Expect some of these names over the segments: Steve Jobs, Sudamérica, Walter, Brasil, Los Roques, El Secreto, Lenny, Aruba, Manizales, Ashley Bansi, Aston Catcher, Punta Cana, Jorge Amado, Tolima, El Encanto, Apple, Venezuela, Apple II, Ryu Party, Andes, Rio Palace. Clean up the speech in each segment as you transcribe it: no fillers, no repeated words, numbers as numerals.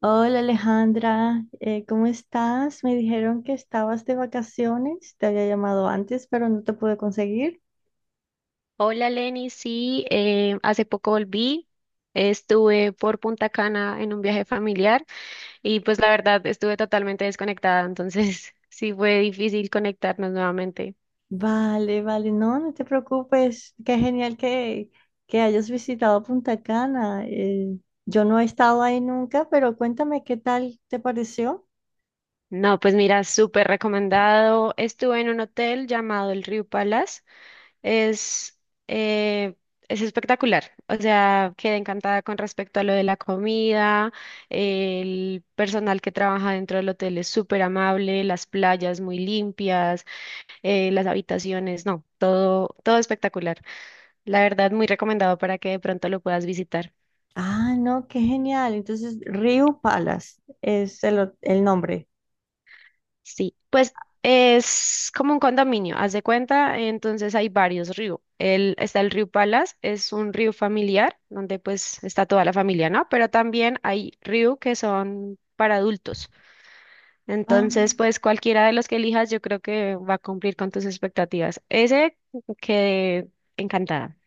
Hola Alejandra, ¿cómo estás? Me dijeron que estabas de vacaciones, te había llamado antes, pero no te pude conseguir. Hola Lenny, sí, hace poco volví, estuve por Punta Cana en un viaje familiar y pues la verdad estuve totalmente desconectada, entonces sí fue difícil conectarnos nuevamente. Vale, vale, no, no te preocupes, que hayas visitado Punta Cana. Yo no he estado ahí nunca, pero cuéntame qué tal te pareció. No, pues mira, súper recomendado. Estuve en un hotel llamado el Rio Palace, es, eh, es espectacular, o sea, quedé encantada con respecto a lo de la comida, el personal que trabaja dentro del hotel es súper amable, las playas muy limpias. Las habitaciones, no, todo espectacular. La verdad, muy recomendado para que de pronto lo puedas visitar. Ah, no, qué genial. Entonces, Rio Palace es el nombre. Sí, pues es como un condominio, haz de cuenta, entonces hay varios ríos. El, está el río Palas, es un río familiar, donde pues está toda la familia, ¿no? Pero también hay ríos que son para adultos. Ah, Entonces, pues cualquiera de los que elijas, yo creo que va a cumplir con tus expectativas. Ese quedé encantada.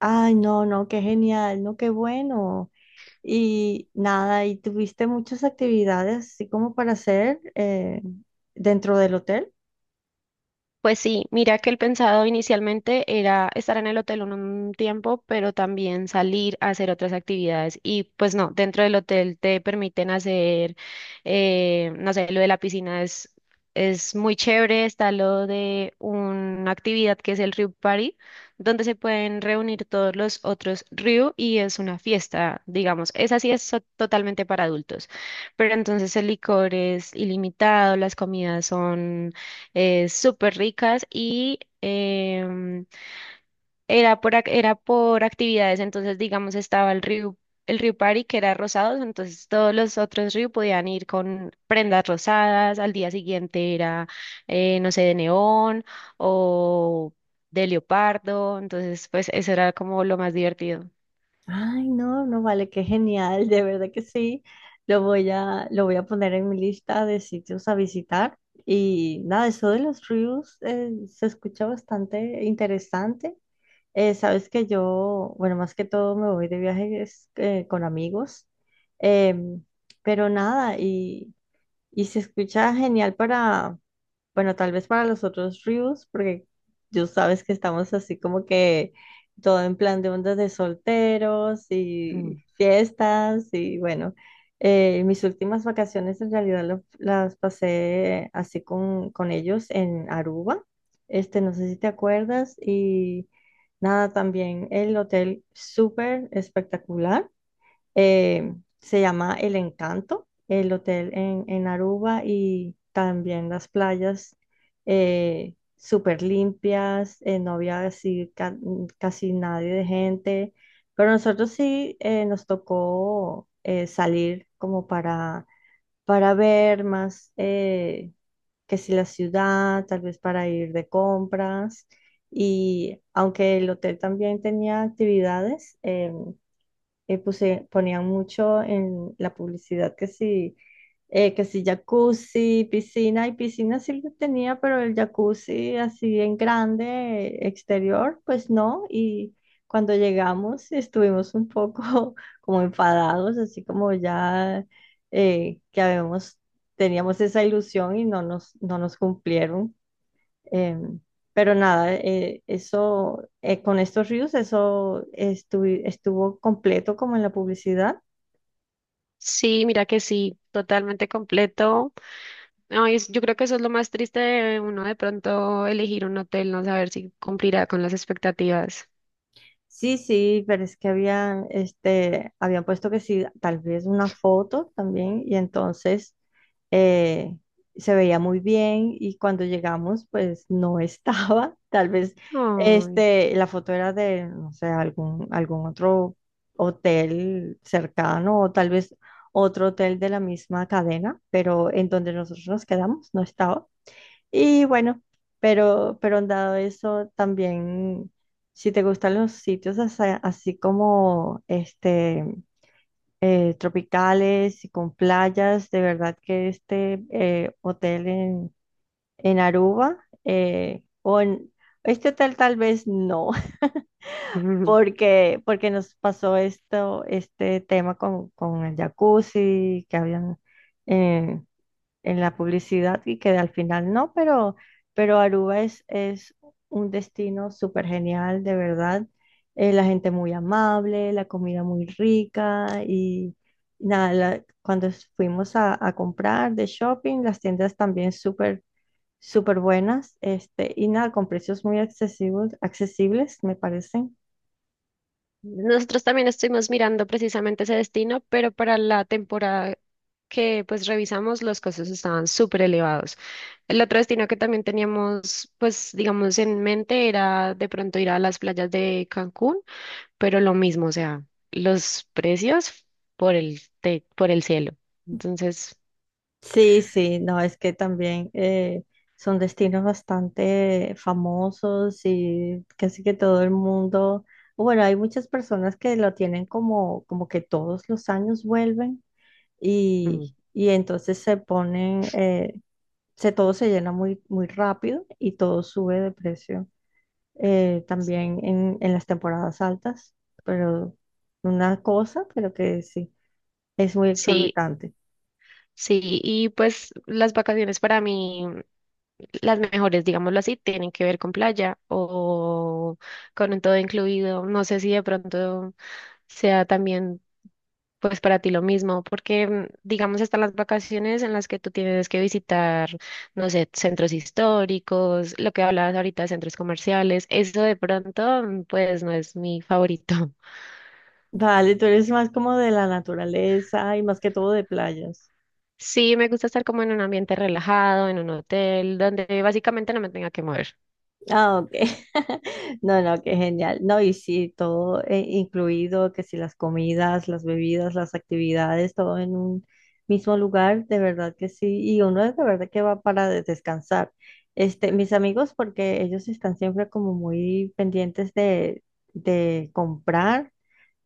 ay, no, no, qué genial, no, qué bueno. Y nada, ¿y tuviste muchas actividades así como para hacer dentro del hotel? Pues sí, mira que el pensado inicialmente era estar en el hotel un tiempo, pero también salir a hacer otras actividades. Y pues no, dentro del hotel te permiten hacer, no sé, lo de la piscina es muy chévere, está lo de una actividad que es el Ryu Party, donde se pueden reunir todos los otros Ryu y es una fiesta, digamos. Esa sí totalmente para adultos, pero entonces el licor es ilimitado, las comidas son súper ricas y era era por actividades, entonces digamos estaba el río Party que era rosados, entonces todos los otros ríos podían ir con prendas rosadas, al día siguiente era, no sé, de neón o de leopardo, entonces pues eso era como lo más divertido. Ay, no, no vale, qué genial, de verdad que sí. Lo voy a poner en mi lista de sitios a visitar. Y nada, eso de los ríos se escucha bastante interesante. Sabes que yo, bueno, más que todo me voy de viajes con amigos. Em, pero nada, y se escucha genial para. Bueno, tal vez para los otros ríos, porque tú sabes que estamos así como que todo en plan de ondas de solteros Ujú. y fiestas y bueno, mis últimas vacaciones en realidad las pasé así con ellos en Aruba, este, no sé si te acuerdas, y nada, también el hotel súper espectacular. Eh, se llama El Encanto, el hotel en Aruba, y también las playas súper limpias, no había así casi nadie de gente, pero nosotros sí, nos tocó, salir como para ver más que si la ciudad, tal vez para ir de compras. Y aunque el hotel también tenía actividades, ponían mucho en la publicidad que sí jacuzzi, piscina, y piscina sí lo tenía, pero el jacuzzi así en grande, exterior, pues no, y cuando llegamos estuvimos un poco como enfadados, así como ya, eh, que habíamos, teníamos esa ilusión y no nos cumplieron. Eh, pero nada, con estos ríos, eso estuvo completo como en la publicidad. Sí, mira que sí, totalmente completo. Ay, yo creo que eso es lo más triste de uno de pronto elegir un hotel, no saber si cumplirá con las expectativas. Sí, sí, pero es que habían, este, habían puesto que sí, tal vez una foto también, y entonces eh, se veía muy bien, y cuando llegamos, pues no estaba, tal vez, Ay. este, la foto era de, no sé, algún otro hotel cercano, o tal vez otro hotel de la misma cadena, pero en donde nosotros nos quedamos no estaba. Y bueno, pero dado eso, también, si te gustan los sitios así así, como este, tropicales y con playas, de verdad que este hotel en Aruba, o en este hotel tal vez no, porque nos pasó esto, este tema con el jacuzzi, que habían eh, en la publicidad y que al final no, pero Aruba es un destino súper genial, de verdad. La gente muy amable, la comida muy rica, y nada, fuimos a comprar de shopping, las tiendas también súper, súper buenas, este, y nada, con precios muy accesibles, accesibles, me parece. Nosotros también estuvimos mirando precisamente ese destino, pero para la temporada que pues revisamos los costos estaban súper elevados. El otro destino que también teníamos pues digamos en mente era de pronto ir a las playas de Cancún, pero lo mismo, o sea, los precios por el cielo. Entonces... Sí, sí, no, es que también son destinos bastante famosos y casi que todo el mundo, bueno, hay muchas personas que lo tienen como, como que todos los años vuelven, Mm. Y entonces se ponen, todo se llena muy, muy rápido y todo sube de precio, también en las temporadas altas, pero una cosa, pero que sí, es muy Sí, exorbitante. sí, y pues las vacaciones para mí, las mejores, digámoslo así, tienen que ver con playa o con un todo incluido. No sé si de pronto sea también pues para ti lo mismo, porque mm, digamos están las vacaciones en las que tú tienes que visitar, no sé, centros históricos, lo que hablabas ahorita de centros comerciales, eso de pronto mm, pues no es mi favorito. Vale, tú eres más como de la naturaleza y más que todo de playas. Sí, me gusta estar como en un ambiente relajado, en un hotel, donde básicamente no me tenga que mover. Ah, ok. No, no, qué genial. No, y sí, todo incluido, que si las comidas, las bebidas, las actividades, todo en un mismo lugar, de verdad que sí. Y uno es de verdad que va para descansar. Este, mis amigos, porque ellos están siempre como muy pendientes de comprar,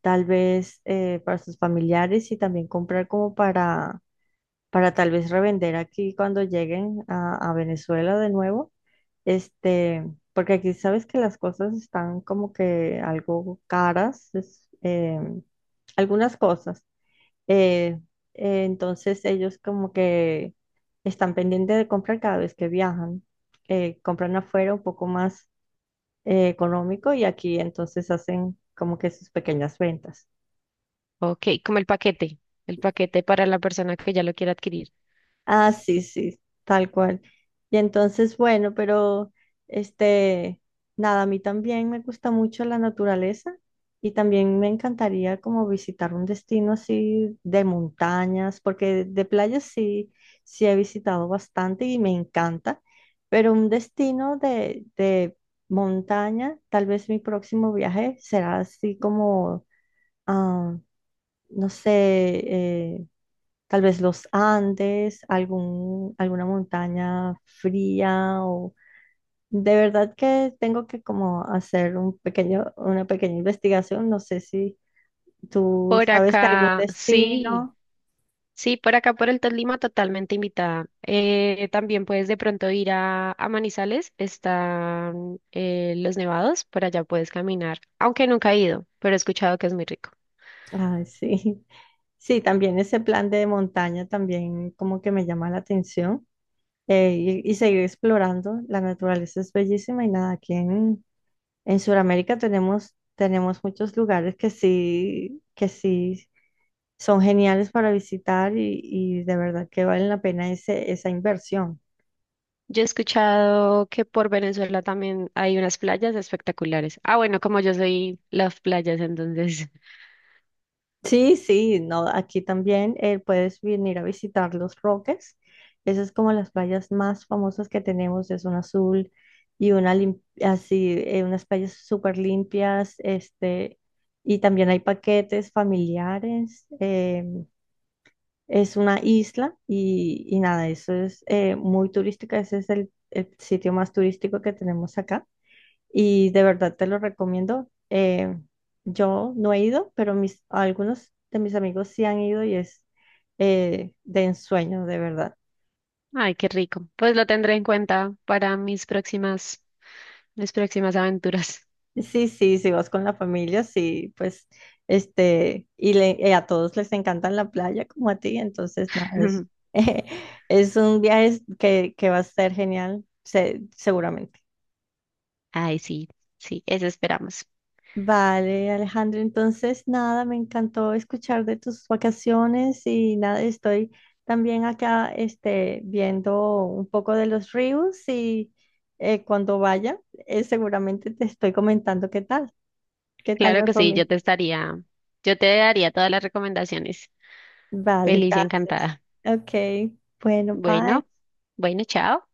tal vez para sus familiares, y también comprar como para tal vez revender aquí cuando lleguen a Venezuela de nuevo, este, porque aquí sabes que las cosas están como que algo caras, es, algunas cosas. eh, entonces ellos como que están pendientes de comprar cada vez que viajan, compran afuera un poco más económico, y aquí entonces hacen como que sus pequeñas ventas. Ok, como el paquete para la persona que ya lo quiera adquirir. Ah, sí, sí, tal cual. Y entonces, bueno, pero este, nada, a mí también me gusta mucho la naturaleza, y también me encantaría como visitar un destino así de montañas, porque de playas sí, sí he visitado bastante y me encanta, pero un destino de montaña, tal vez mi próximo viaje será así como, ah, no sé, eh, tal vez los Andes, alguna montaña fría, o de verdad que tengo que como hacer un pequeño, una pequeña investigación. No sé si tú Por sabes de algún acá, sí, destino. sí, por acá por el Tolima, totalmente invitada. También puedes de pronto ir a Manizales, están los nevados, por allá puedes caminar, aunque nunca he ido, pero he escuchado que es muy rico. Ay, sí. Sí, también ese plan de montaña también como que me llama la atención, y seguir explorando. La naturaleza es bellísima, y nada, aquí en Sudamérica tenemos, tenemos muchos lugares que sí son geniales para visitar, y de verdad que valen la pena esa inversión. Yo he escuchado que por Venezuela también hay unas playas espectaculares. Ah, bueno, como yo soy las playas, entonces, Sí, sí, no, aquí también puedes venir a visitar Los Roques. Esas es como las playas más famosas que tenemos, es una azul y una así, unas playas súper limpias, este, y también hay paquetes familiares. Es una isla, y nada, eso es muy turística, ese es el sitio más turístico que tenemos acá. Y de verdad te lo recomiendo. Yo no he ido, pero mis, algunos de mis amigos sí han ido, y es de ensueño, de verdad. ay, qué rico. Pues lo tendré en cuenta para mis próximas. Mis próximas aventuras. Sí, sí, si vas con la familia, sí, pues, este, a todos les encanta la playa como a ti, entonces, nada, es, es un viaje que va a ser genial, seguramente. Ay, sí, sí, eso esperamos. Vale, Alejandro, entonces nada, me encantó escuchar de tus vacaciones, y nada, estoy también acá este, viendo un poco de los ríos, y cuando vaya, seguramente te estoy comentando qué tal Claro me que fue a sí, mí. yo te estaría, yo te daría todas las recomendaciones. Vale, Feliz y gracias. encantada. Ok, bueno, bye. Bueno, bueno, chao.